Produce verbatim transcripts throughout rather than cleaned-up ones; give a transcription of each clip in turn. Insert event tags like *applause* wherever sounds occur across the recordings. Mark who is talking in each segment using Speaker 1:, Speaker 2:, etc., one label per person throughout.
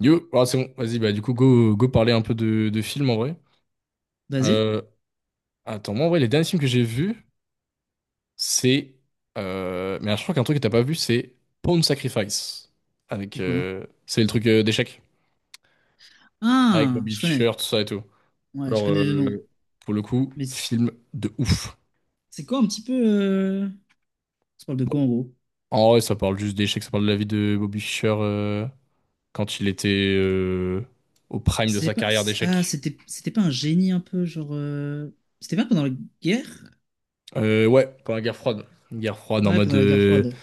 Speaker 1: Yo, ah, c'est bon, vas-y, bah du coup, go, go parler un peu de, de films en vrai.
Speaker 2: Basé?
Speaker 1: Euh, Attends, moi en vrai, les derniers films que j'ai vus, c'est. Euh, mais je crois qu'un truc que t'as pas vu, c'est Pawn Sacrifice. Avec,
Speaker 2: C'est quoi?
Speaker 1: euh, c'est le truc euh, d'échecs. Avec
Speaker 2: Ah,
Speaker 1: Bobby
Speaker 2: je connais.
Speaker 1: Fischer, tout ça et tout.
Speaker 2: Ouais, je
Speaker 1: Alors,
Speaker 2: connais le nom.
Speaker 1: euh, pour le coup,
Speaker 2: Mais c-
Speaker 1: film de ouf.
Speaker 2: c'est quoi un petit peu... euh, on parle de
Speaker 1: Bon,
Speaker 2: quoi en gros?
Speaker 1: en vrai, ça parle juste d'échecs, ça parle de la vie de Bobby Fischer euh, quand il était euh, au prime de
Speaker 2: C'est
Speaker 1: sa
Speaker 2: pas...
Speaker 1: carrière
Speaker 2: Ah,
Speaker 1: d'échecs.
Speaker 2: c'était c'était pas un génie un peu, genre... euh, c'était pas pendant la guerre?
Speaker 1: Euh, ouais, pendant la guerre froide. Une guerre froide en
Speaker 2: Ouais,
Speaker 1: mode.
Speaker 2: pendant la guerre
Speaker 1: euh,
Speaker 2: froide.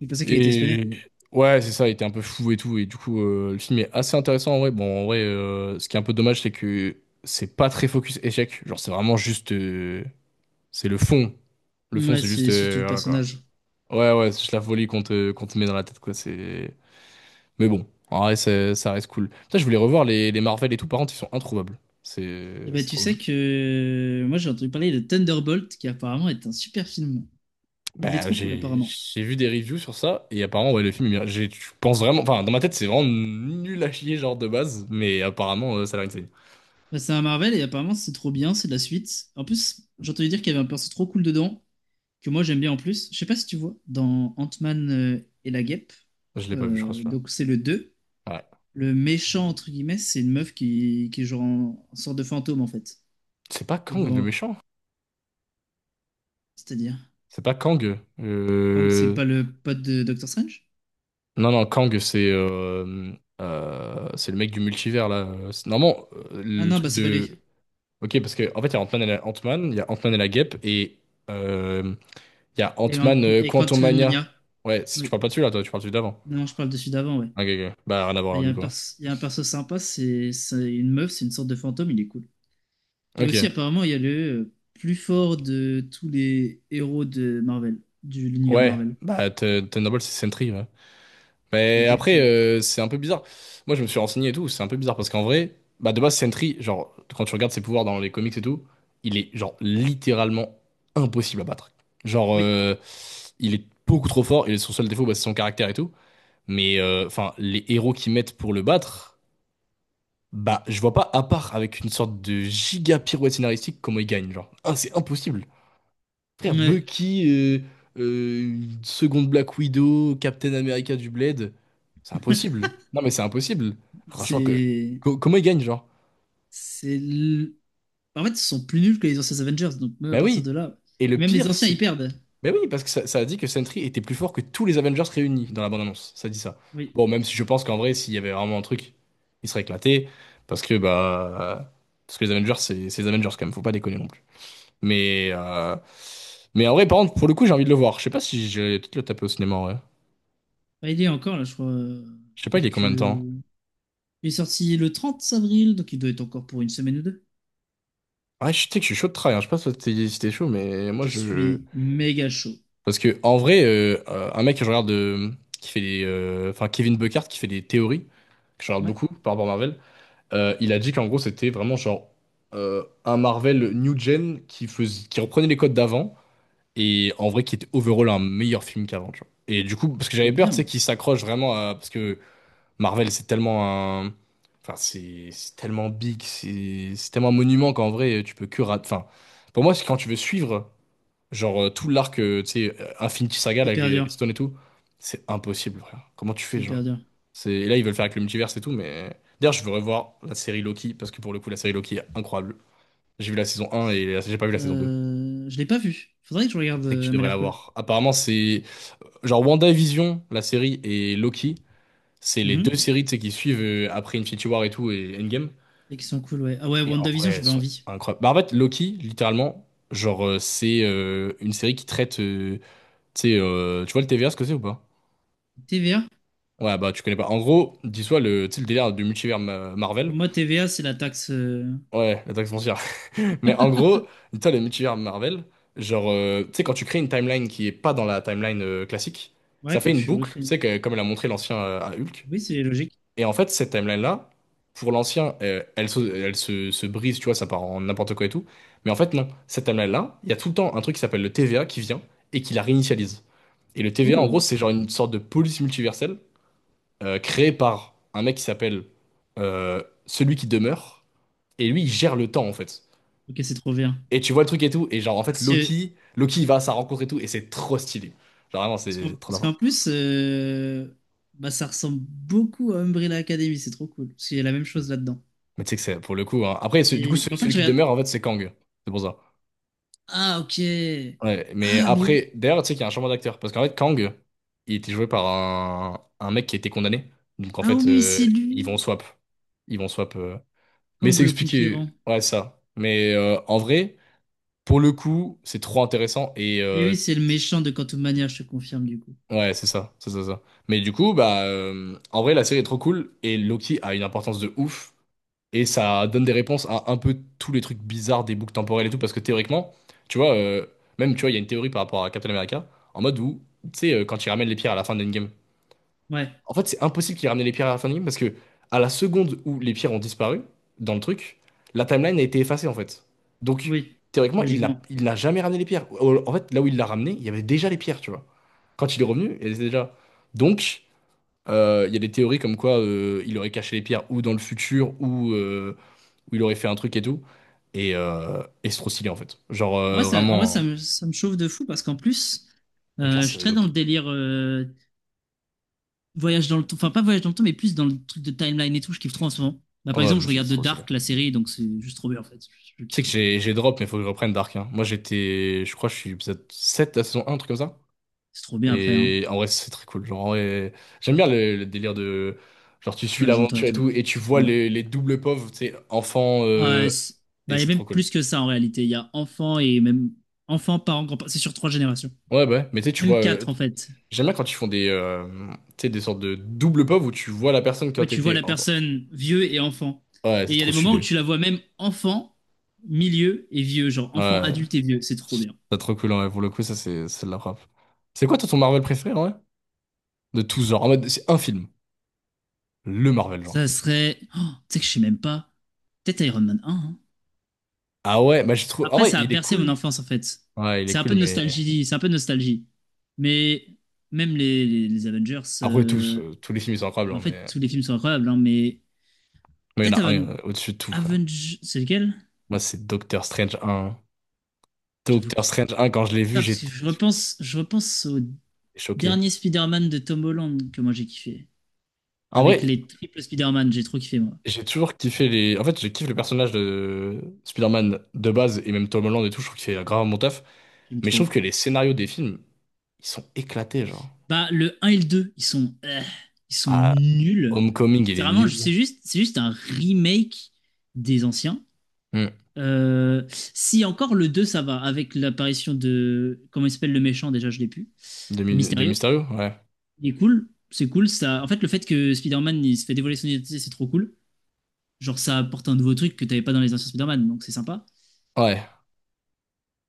Speaker 2: Il pensait qu'il était espionné.
Speaker 1: Et ouais, c'est ça, il était un peu fou et tout. Et du coup, euh, le film est assez intéressant en vrai. Bon, en vrai, euh, ce qui est un peu dommage, c'est que c'est pas très focus échec. Genre, c'est vraiment juste. euh, C'est le fond. Le fond,
Speaker 2: Ouais,
Speaker 1: c'est juste.
Speaker 2: c'est surtout
Speaker 1: euh,
Speaker 2: le
Speaker 1: Voilà quoi.
Speaker 2: personnage.
Speaker 1: Ouais, ouais, c'est juste la folie qu'on te, qu'on te met dans la tête quoi. C'est. Mais bon, en vrai, c'est- ça reste cool. Putain, je voulais revoir les, les Marvel et tout. Par contre, ils sont introuvables.
Speaker 2: Et
Speaker 1: C'est
Speaker 2: ben
Speaker 1: c'est
Speaker 2: tu
Speaker 1: trop.
Speaker 2: sais que... Moi, j'ai entendu parler de Thunderbolt, qui apparemment est un super film. Il est
Speaker 1: Bah,
Speaker 2: trop cool,
Speaker 1: j'ai
Speaker 2: apparemment.
Speaker 1: j'ai vu des reviews sur ça et apparemment ouais le film il mérite- j'ai- je pense vraiment enfin dans ma tête c'est vraiment nul à chier genre de base mais apparemment euh, ça a l'air insane.
Speaker 2: Bah, c'est un Marvel, et apparemment, c'est trop bien, c'est de la suite. En plus, j'ai entendu dire qu'il y avait un perso trop cool dedans, que moi j'aime bien en plus. Je sais pas si tu vois, dans Ant-Man euh, et la guêpe,
Speaker 1: Je l'ai pas vu je crois
Speaker 2: euh,
Speaker 1: celui-là.
Speaker 2: donc c'est le deux,
Speaker 1: Ouais.
Speaker 2: le méchant entre guillemets, c'est une meuf qui, qui est genre en, en sorte de fantôme en fait.
Speaker 1: C'est pas
Speaker 2: Et
Speaker 1: Kang le
Speaker 2: bon,
Speaker 1: méchant.
Speaker 2: c'est-à-dire,
Speaker 1: C'est pas Kang.
Speaker 2: Kang c'est
Speaker 1: Euh...
Speaker 2: pas le pote de Doctor Strange?
Speaker 1: Non non Kang c'est euh, euh, c'est le mec du multivers là. C'est- Normalement euh,
Speaker 2: Ah
Speaker 1: le
Speaker 2: non, bah
Speaker 1: truc
Speaker 2: c'est pas
Speaker 1: de
Speaker 2: lui.
Speaker 1: OK parce que en fait il y a Ant-Man et la Ant-Man, il y a Ant-Man et la Guêpe et euh, il y a
Speaker 2: Et, Ant-
Speaker 1: Ant-Man euh,
Speaker 2: et
Speaker 1: Quantumania.
Speaker 2: Quantumania,
Speaker 1: Ouais, si tu
Speaker 2: oui.
Speaker 1: parles pas de celui-là toi, tu parles de celui d'avant.
Speaker 2: Non, je parle de celui d'avant, ouais.
Speaker 1: OK, ok. Bah rien à voir
Speaker 2: Bah, il
Speaker 1: alors,
Speaker 2: y a
Speaker 1: du
Speaker 2: un
Speaker 1: coup, hein.
Speaker 2: perso, il y a un perso sympa, c'est c'est une meuf, c'est une sorte de fantôme, il est cool. Et
Speaker 1: Ok.
Speaker 2: aussi, apparemment, il y a le euh, plus fort de tous les héros de Marvel, de l'univers
Speaker 1: Ouais.
Speaker 2: Marvel.
Speaker 1: Bah, Te- Thunderbolt, c'est Sentry, ouais. Mais après,
Speaker 2: Exactement.
Speaker 1: euh, c'est un peu bizarre. Moi, je me suis renseigné et tout. C'est un peu bizarre parce qu'en vrai, bah, de base, Sentry, genre, quand tu regardes ses pouvoirs dans les comics et tout, il est, genre, littéralement impossible à battre. Genre,
Speaker 2: Oui,
Speaker 1: euh, il est beaucoup trop fort et son seul défaut, bah, c'est son caractère et tout. Mais, euh, enfin, les héros qu'ils mettent pour le battre, bah, je vois pas, à part avec une sorte de giga pirouette scénaristique, comment il gagne. Genre, ah, c'est impossible. Frère,
Speaker 2: ouais.
Speaker 1: Bucky, euh, euh, une seconde Black Widow, Captain America du Bled, c'est impossible. Non mais c'est impossible. Franchement, que,
Speaker 2: C'est.
Speaker 1: co- comment ils gagnent, genre?
Speaker 2: C'est. l- En fait, ils sont plus nuls que les anciens Avengers, donc même à
Speaker 1: Bah
Speaker 2: partir
Speaker 1: oui.
Speaker 2: de là.
Speaker 1: Et le
Speaker 2: Même les
Speaker 1: pire,
Speaker 2: anciens, ils
Speaker 1: c'est...
Speaker 2: perdent.
Speaker 1: Bah oui, parce que ça, ça a dit que Sentry était plus fort que tous les Avengers réunis dans la bande-annonce. Ça dit ça.
Speaker 2: Oui.
Speaker 1: Bon, même si je pense qu'en vrai, s'il y avait vraiment un truc, il serait éclaté. Parce que, bah... Parce que les Avengers, c'est c'est les Avengers quand même, faut pas déconner non plus. Mais... euh, Mais en vrai, par contre, pour le coup, j'ai envie de le voir. Je sais pas si j'ai peut-être le taper au cinéma, en vrai.
Speaker 2: Bah, il est encore là, je crois. euh,
Speaker 1: Je sais pas, il est
Speaker 2: Quelques...
Speaker 1: combien de temps?
Speaker 2: Il est sorti le trente avril, donc il doit être encore pour une semaine ou deux.
Speaker 1: Ouais, je sais que je suis chaud de try, hein. Je sais pas si t'es si t'es chaud, mais moi
Speaker 2: Je
Speaker 1: je.
Speaker 2: suis méga chaud.
Speaker 1: Parce que en vrai, euh, euh, un mec que je regarde euh, qui fait les. Euh, Enfin, Kevin Buckhart qui fait des théories, que je regarde
Speaker 2: Ouais,
Speaker 1: beaucoup par rapport à Marvel, euh, il a dit qu'en gros c'était vraiment genre euh, un Marvel New Gen qui faisait... qui reprenait les codes d'avant et en vrai qui était overall un meilleur film qu'avant, tu vois. Et du coup, parce que j'avais
Speaker 2: trop
Speaker 1: peur, tu sais,
Speaker 2: bien.
Speaker 1: qu'il s'accroche vraiment à. Parce que Marvel, c'est tellement un... Enfin, c'est c'est tellement big, c'est c'est tellement un monument qu'en vrai, tu peux que rater... Enfin, pour moi, c'est quand tu veux suivre, genre, euh, tout l'arc, euh, tu sais, euh, Infinity Saga
Speaker 2: C'est
Speaker 1: là, avec
Speaker 2: hyper
Speaker 1: les,
Speaker 2: dur.
Speaker 1: les Stones et tout, c'est impossible, frère. Comment tu
Speaker 2: C'est
Speaker 1: fais, genre?
Speaker 2: hyper dur.
Speaker 1: C'est... Et là, ils veulent faire avec le multiverse et tout, mais... D'ailleurs, je veux revoir la série Loki, parce que pour le coup, la série Loki est incroyable. J'ai vu la saison un et la- j'ai pas vu la saison deux.
Speaker 2: Euh, Je l'ai pas vu. Faudrait que je regarde,
Speaker 1: C'est que
Speaker 2: euh,
Speaker 1: tu
Speaker 2: elle m'a
Speaker 1: devrais la
Speaker 2: l'air cool.
Speaker 1: voir. Apparemment, c'est... Genre, WandaVision, la série, et Loki, c'est les
Speaker 2: Mhm.
Speaker 1: deux séries, tu sais, qui suivent euh, après Infinity War et tout, et Endgame.
Speaker 2: Et qui sont cool, ouais. Ah ouais,
Speaker 1: Et en vrai,
Speaker 2: WandaVision,
Speaker 1: elles
Speaker 2: j'avais
Speaker 1: sont
Speaker 2: envie.
Speaker 1: incroyables. Bah, en fait, Loki, littéralement, genre, euh, c'est euh, une série qui traite. euh, Tu sais, euh, tu vois le T V A, ce que c'est ou pas?
Speaker 2: T V A?
Speaker 1: Ouais, bah, tu connais pas. En gros, dis-toi le, tu sais, le délire du multivers Ma- Marvel.
Speaker 2: Pour moi, T V A, c'est la taxe. euh,
Speaker 1: Ouais, la taxe foncière. *laughs* Mais en gros, dis-toi le multivers Marvel, genre, euh, tu sais, quand tu crées une timeline qui est pas dans la timeline euh, classique,
Speaker 2: Ouais,
Speaker 1: ça fait
Speaker 2: quand
Speaker 1: une
Speaker 2: tu
Speaker 1: boucle, tu
Speaker 2: recrées.
Speaker 1: sais, que- comme elle a montré l'ancien euh, à Hulk.
Speaker 2: Oui, c'est logique.
Speaker 1: Et en fait, cette timeline-là, pour l'ancien, euh, elle se, elle se, se brise, tu vois, ça part en n'importe quoi et tout. Mais en fait, non. Cette timeline-là, il y a tout le temps un truc qui s'appelle le T V A qui vient et qui la réinitialise. Et le T V A, en gros,
Speaker 2: Oh,
Speaker 1: c'est genre une sorte de police multiverselle euh, créée par un mec qui s'appelle euh, Celui qui demeure. Et lui, il gère le temps, en fait.
Speaker 2: ok, c'est trop bien.
Speaker 1: Et tu vois le truc et tout. Et genre, en fait,
Speaker 2: Parce que,
Speaker 1: Loki, Loki, il va à sa rencontre et tout. Et c'est trop stylé. Genre, vraiment,
Speaker 2: parce qu'en
Speaker 1: c'est trop
Speaker 2: parce
Speaker 1: d'avant.
Speaker 2: qu'en plus, euh, bah, ça ressemble beaucoup à Umbrella Academy, c'est trop cool. Parce qu'il y a la même chose là-dedans.
Speaker 1: Mais tu sais que c'est pour le coup, hein. Après, ce- du coup,
Speaker 2: Et
Speaker 1: ce-
Speaker 2: bah, en fait,
Speaker 1: celui
Speaker 2: je
Speaker 1: qui
Speaker 2: regarde.
Speaker 1: demeure, en fait, c'est Kang. C'est pour ça.
Speaker 2: Ah, ok.
Speaker 1: Ouais, mais
Speaker 2: Ah, mais oui.
Speaker 1: après, d'ailleurs, tu sais qu'il y a un changement d'acteur. Parce qu'en fait, Kang, il était joué par un, un mec qui était condamné. Donc en
Speaker 2: Ah,
Speaker 1: fait,
Speaker 2: oui,
Speaker 1: euh,
Speaker 2: c'est
Speaker 1: ils
Speaker 2: lui.
Speaker 1: vont swap. Ils vont swap. euh. Mais
Speaker 2: Kang
Speaker 1: c'est
Speaker 2: le
Speaker 1: expliqué.
Speaker 2: Conquérant.
Speaker 1: Ouais, ça. Mais euh, en vrai, pour le coup, c'est trop intéressant. Et
Speaker 2: Et
Speaker 1: euh,
Speaker 2: oui,
Speaker 1: c'est-
Speaker 2: c'est le méchant de Quantum Mania, je te confirme, du coup.
Speaker 1: ouais, c'est ça. C'est ça, ça. Mais du coup, bah, euh, en vrai, la série est trop cool. Et Loki a une importance de ouf. Et ça donne des réponses à un peu tous les trucs bizarres des boucles temporelles et tout, parce que théoriquement, tu vois, euh, même, tu vois, il y a une théorie par rapport à Captain America, en mode où, tu sais, euh, quand il ramène les pierres à la fin de Endgame.
Speaker 2: Ouais,
Speaker 1: En fait, c'est impossible qu'il ramène les pierres à la fin de Endgame, parce que à la seconde où les pierres ont disparu, dans le truc, la timeline a été effacée, en fait. Donc,
Speaker 2: oui,
Speaker 1: théoriquement, il n'a
Speaker 2: logiquement.
Speaker 1: il n'a jamais ramené les pierres. Au- En fait, là où il l'a ramené, il y avait déjà les pierres, tu vois. Quand il est revenu, elles étaient déjà. Donc, euh, il y a des théories comme quoi euh, il aurait caché les pierres ou dans le futur, ou... euh, où il aurait fait un truc et tout. Et, euh, et c'est trop stylé en fait. Genre
Speaker 2: En vrai,
Speaker 1: euh,
Speaker 2: ça, en vrai,
Speaker 1: vraiment, euh,
Speaker 2: ça me, ça me chauffe de fou parce qu'en plus,
Speaker 1: avec la
Speaker 2: euh, je suis
Speaker 1: série
Speaker 2: très dans le
Speaker 1: Loki.
Speaker 2: délire euh, voyage dans le temps, enfin pas voyage dans le temps, mais plus dans le truc de timeline et tout, je kiffe trop en ce moment. Bah,
Speaker 1: Oh,
Speaker 2: par
Speaker 1: ouais,
Speaker 2: exemple, je
Speaker 1: mais c'est
Speaker 2: regarde The
Speaker 1: trop stylé.
Speaker 2: Dark, la série, donc c'est juste trop bien en fait. Je, je
Speaker 1: Tu
Speaker 2: kiffe
Speaker 1: sais que
Speaker 2: trop.
Speaker 1: j'ai j'ai drop, mais il faut que je reprenne Dark, hein. Moi j'étais, je crois que je suis épisode sept de la saison un, un truc comme ça.
Speaker 2: C'est trop bien après, hein.
Speaker 1: Et en vrai, c'est très cool. Genre, en vrai, j'aime bien le, le délire de. Genre, tu suis
Speaker 2: Voyage dans le temps et
Speaker 1: l'aventure et
Speaker 2: tout.
Speaker 1: tout, et tu
Speaker 2: C'est trop
Speaker 1: vois
Speaker 2: bien.
Speaker 1: les, les doubles pauvres, tu sais, enfants,
Speaker 2: Ah,
Speaker 1: euh,
Speaker 2: ouais, c'est-
Speaker 1: et
Speaker 2: bah, il y a
Speaker 1: c'est
Speaker 2: même
Speaker 1: trop cool.
Speaker 2: plus que ça en réalité. Il y a enfant et même enfant, parents, grands-parents. C'est sur trois générations.
Speaker 1: Ouais, bah ouais, mais tu sais, tu
Speaker 2: Même
Speaker 1: vois. euh,
Speaker 2: quatre en fait.
Speaker 1: J'aime bien quand ils font des, euh, tu sais, des sortes de double pauvres où tu vois la personne quand
Speaker 2: Ouais, tu vois
Speaker 1: t'étais
Speaker 2: la
Speaker 1: enfant.
Speaker 2: personne vieux et enfant.
Speaker 1: Ouais,
Speaker 2: Et
Speaker 1: c'est
Speaker 2: il y a
Speaker 1: trop
Speaker 2: des moments où
Speaker 1: stylé.
Speaker 2: tu la vois même enfant, milieu et vieux. Genre enfant,
Speaker 1: Ouais,
Speaker 2: adulte et vieux. C'est trop bien.
Speaker 1: c'est trop cool, ouais. Pour le coup, ça, c'est c'est de la frappe. C'est quoi, toi, ton Marvel préféré, en vrai? De tous genres. En mode, c'est un film. Le Marvel,
Speaker 2: Ça
Speaker 1: genre.
Speaker 2: serait. Oh, tu sais que je sais même pas. Peut-être Iron Man un, hein.
Speaker 1: Ah ouais, bah, je trouve. En
Speaker 2: Après,
Speaker 1: vrai,
Speaker 2: ça a
Speaker 1: il est
Speaker 2: bercé mon
Speaker 1: cool.
Speaker 2: enfance en fait.
Speaker 1: Ouais, il est
Speaker 2: C'est un
Speaker 1: cool,
Speaker 2: peu de
Speaker 1: mais.
Speaker 2: nostalgie, c'est un peu de nostalgie. Mais même les, les- les Avengers,
Speaker 1: Après, tous.
Speaker 2: euh,
Speaker 1: Euh, tous les films, ils sont incroyables,
Speaker 2: bah,
Speaker 1: hein,
Speaker 2: en fait,
Speaker 1: mais.
Speaker 2: tous les films sont incroyables, hein, mais
Speaker 1: Mais il y en
Speaker 2: peut-être
Speaker 1: a un
Speaker 2: Aven...
Speaker 1: euh, au-dessus de tout, frère.
Speaker 2: Avengers, c'est lequel?
Speaker 1: Moi, c'est Doctor Strange un.
Speaker 2: J'avoue que...
Speaker 1: Doctor Strange un, quand je l'ai vu,
Speaker 2: Ah, parce que
Speaker 1: j'étais
Speaker 2: je repense, je repense au
Speaker 1: choqué.
Speaker 2: dernier Spider-Man de Tom Holland que moi j'ai kiffé.
Speaker 1: En
Speaker 2: Avec
Speaker 1: vrai,
Speaker 2: les triples Spider-Man, j'ai trop kiffé moi.
Speaker 1: j'ai toujours kiffé les. En fait, je kiffe le personnage de Spider-Man de base, et même Tom Holland et tout. Je trouve qu'il fait grave mon taf.
Speaker 2: J'aime
Speaker 1: Mais je trouve
Speaker 2: trop.
Speaker 1: que les scénarios des films, ils sont éclatés, genre.
Speaker 2: Bah, le un et le deux, ils sont, euh, ils sont
Speaker 1: Ah,
Speaker 2: nuls.
Speaker 1: Homecoming, il
Speaker 2: C'est
Speaker 1: est
Speaker 2: vraiment,
Speaker 1: nul.
Speaker 2: c'est juste, c'est juste un remake des anciens.
Speaker 1: Hmm.
Speaker 2: Euh, si encore le deux ça va, avec l'apparition de. Comment il s'appelle le méchant déjà, je l'ai plus.
Speaker 1: De,
Speaker 2: Euh,
Speaker 1: Mi- de
Speaker 2: Mysterio.
Speaker 1: Mysterio? Ouais.
Speaker 2: Il est cool, c'est cool. Ça... En fait, le fait que Spider-Man il se fait dévoiler son identité, c'est trop cool. Genre, ça apporte un nouveau truc que t'avais pas dans les anciens Spider-Man, donc c'est sympa.
Speaker 1: Ouais.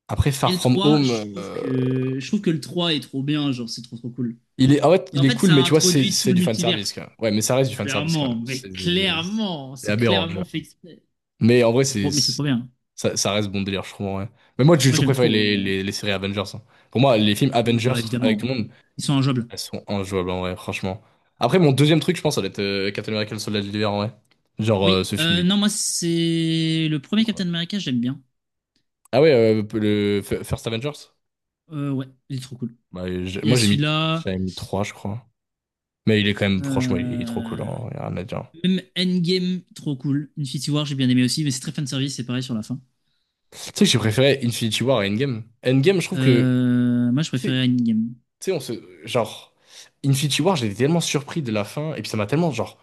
Speaker 1: Après,
Speaker 2: Et
Speaker 1: Far
Speaker 2: le
Speaker 1: From
Speaker 2: trois
Speaker 1: Home,
Speaker 2: je trouve
Speaker 1: euh,
Speaker 2: que je trouve que le trois est trop bien, genre, c'est trop trop cool.
Speaker 1: il est, ah ouais, il
Speaker 2: En
Speaker 1: est
Speaker 2: fait,
Speaker 1: cool,
Speaker 2: ça
Speaker 1: mais
Speaker 2: a
Speaker 1: tu vois, c'est
Speaker 2: introduit tout
Speaker 1: c'est
Speaker 2: le
Speaker 1: du
Speaker 2: multivers.
Speaker 1: fanservice, quand même. Ouais, mais ça reste du fanservice, quand
Speaker 2: Clairement,
Speaker 1: même.
Speaker 2: mais
Speaker 1: C'est des-
Speaker 2: clairement,
Speaker 1: c'est
Speaker 2: c'est
Speaker 1: aberrant, déjà.
Speaker 2: clairement fait exprès.
Speaker 1: Mais en vrai,
Speaker 2: C'est trop,
Speaker 1: c'est,
Speaker 2: mais c'est
Speaker 1: c'est-
Speaker 2: trop bien.
Speaker 1: ça, ça reste bon délire, je trouve, ouais. Mais moi, j'ai
Speaker 2: Moi,
Speaker 1: toujours
Speaker 2: j'aime
Speaker 1: préféré
Speaker 2: trop.
Speaker 1: les,
Speaker 2: Euh.
Speaker 1: les, les séries Avengers, hein. Pour moi, les films
Speaker 2: Oui,
Speaker 1: Avengers,
Speaker 2: bah
Speaker 1: avec tout le
Speaker 2: évidemment.
Speaker 1: monde,
Speaker 2: Ils sont injouables.
Speaker 1: elles sont injouables, en vrai, franchement. Après, mon deuxième truc, je pense, ça va être euh, Captain America, le soldat de l'hiver, en vrai. Genre, euh,
Speaker 2: Oui,
Speaker 1: ce film,
Speaker 2: euh,
Speaker 1: il
Speaker 2: non, moi, c'est le
Speaker 1: est
Speaker 2: premier
Speaker 1: trop bien.
Speaker 2: Captain America, j'aime bien.
Speaker 1: Ah ouais, euh, le F- First Avengers?
Speaker 2: Euh, ouais, il est trop cool.
Speaker 1: Ouais, j'ai-
Speaker 2: Il y a
Speaker 1: moi, j'ai mis,
Speaker 2: celui-là.
Speaker 1: j'avais mis trois, je crois. Mais il est quand même, franchement, il est, il est trop cool,
Speaker 2: euh,
Speaker 1: hein, y a rien à dire.
Speaker 2: Même Endgame, trop cool. Infinity War, j'ai bien aimé aussi, mais c'est très fanservice, c'est pareil sur la fin.
Speaker 1: Tu sais que j'ai préféré Infinity War à Endgame. Endgame, je trouve que, tu
Speaker 2: Euh, Moi, je
Speaker 1: sais,
Speaker 2: préférais Endgame.
Speaker 1: tu sais, on se, genre, Infinity War, j'étais tellement surpris de la fin, et puis ça m'a tellement, genre,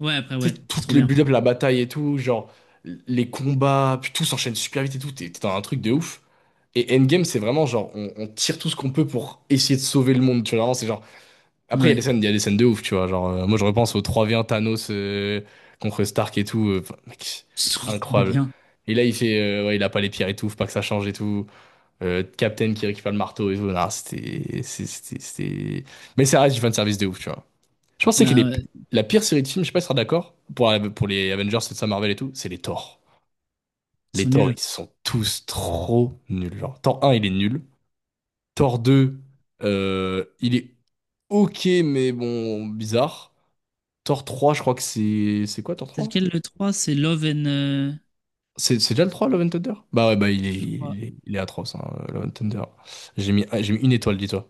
Speaker 2: Ouais, après,
Speaker 1: tu sais,
Speaker 2: ouais,
Speaker 1: tout
Speaker 2: c'est trop
Speaker 1: le
Speaker 2: bien.
Speaker 1: build-up, la bataille et tout, genre, les combats, puis tout s'enchaîne super vite et tout, t'es t'es dans un truc de ouf. Et Endgame, c'est vraiment, genre, on, on tire tout ce qu'on peut pour essayer de sauver le monde, tu vois, vraiment, c'est genre. Après, il y a
Speaker 2: Ouais,
Speaker 1: des scènes, il y a des scènes de ouf, tu vois. Genre, euh, moi, je repense au trois contre un Thanos, euh, contre Stark et tout. euh, enfin, mec,
Speaker 2: *laughs* c'est
Speaker 1: c'est
Speaker 2: trop
Speaker 1: incroyable.
Speaker 2: bien.
Speaker 1: Et là, il fait, euh, ouais, il a pas les pierres et tout, faut pas que ça change et tout. Euh, Captain qui récupère le marteau et tout. Non, c'était, c'est- c'était, c'était- Mais ça reste du fan service de ouf, tu vois. Je pense que c'est que
Speaker 2: Bah,
Speaker 1: les-
Speaker 2: ouais,
Speaker 1: la pire série de films, je sais pas si tu seras d'accord, pour, pour les Avengers, c'est ça, Marvel et tout, c'est les Thor.
Speaker 2: ils
Speaker 1: Les
Speaker 2: sont
Speaker 1: Thor,
Speaker 2: nuls.
Speaker 1: ils sont tous trop nuls. Genre, Thor un, il est nul. Thor deux, euh, il est ok, mais bon, bizarre. Thor trois, je crois que c'est. C'est quoi, Thor
Speaker 2: C'est
Speaker 1: trois
Speaker 2: lequel le trois? C'est Love and. Euh, je
Speaker 1: C'est c'est déjà le trois, Love and Thunder? Bah ouais, bah il est,
Speaker 2: crois.
Speaker 1: il est, il est atroce, hein, Love and Thunder. J'ai mis, j'ai mis une étoile, dis-toi.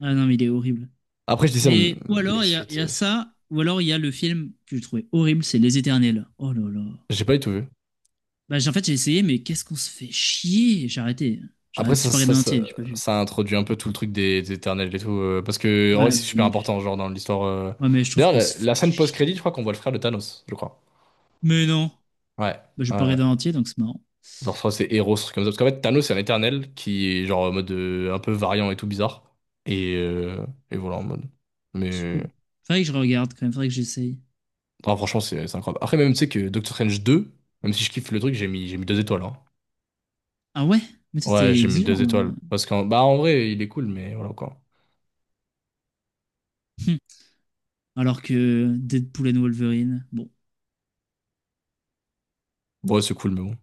Speaker 2: Ah non, mais il est horrible.
Speaker 1: Après, je dis ça, mais
Speaker 2: Mais, ou
Speaker 1: les
Speaker 2: alors, il y a, il
Speaker 1: suites,
Speaker 2: y a
Speaker 1: euh,
Speaker 2: ça, ou alors, il y a le film que j'ai trouvé horrible, c'est Les Éternels. Oh là là.
Speaker 1: j'ai pas du tout vu.
Speaker 2: Bah, j'ai- en fait, j'ai essayé, mais qu'est-ce qu'on se fait chier! J'ai arrêté. J'ai
Speaker 1: Après,
Speaker 2: arrêté, j'ai
Speaker 1: ça,
Speaker 2: pas
Speaker 1: ça,
Speaker 2: regardé en
Speaker 1: ça,
Speaker 2: entier, j'ai pas vu.
Speaker 1: ça introduit un peu tout le truc des, des éternels et tout, euh, parce que en vrai,
Speaker 2: Ouais,
Speaker 1: c'est super
Speaker 2: mais,
Speaker 1: important, genre, dans l'histoire. euh.
Speaker 2: ouais, mais je trouve
Speaker 1: D'ailleurs,
Speaker 2: qu'on
Speaker 1: la,
Speaker 2: se fait
Speaker 1: la scène
Speaker 2: chier.
Speaker 1: post-crédit, je crois qu'on voit le frère de Thanos, je crois.
Speaker 2: Mais non!
Speaker 1: Ouais,
Speaker 2: Bah, j'ai
Speaker 1: ouais,
Speaker 2: pas
Speaker 1: ouais.
Speaker 2: regardé en entier, donc c'est marrant.
Speaker 1: Genre, je crois que c'est Eros, truc comme ça. Parce qu'en fait, Thanos, c'est un éternel qui est, genre, en mode, euh, un peu variant et tout bizarre. Et, euh, et voilà, en mode.
Speaker 2: C'est
Speaker 1: Mais.
Speaker 2: cool. Faudrait que je regarde quand même, faudrait que j'essaye.
Speaker 1: Ah, franchement, c'est c'est incroyable. Après, même, tu sais que Doctor Strange deux, même si je kiffe le truc, j'ai mis, j'ai mis deux étoiles, hein.
Speaker 2: Ah ouais? Mais toi,
Speaker 1: Ouais,
Speaker 2: t'es
Speaker 1: j'ai mis
Speaker 2: exigeant.
Speaker 1: deux étoiles.
Speaker 2: Euh.
Speaker 1: Parce qu'en bah, en vrai, il est cool, mais voilà quoi.
Speaker 2: Hum. Alors que Deadpool and Wolverine, bon.
Speaker 1: Bon, ouais, c'est cool, mais bon.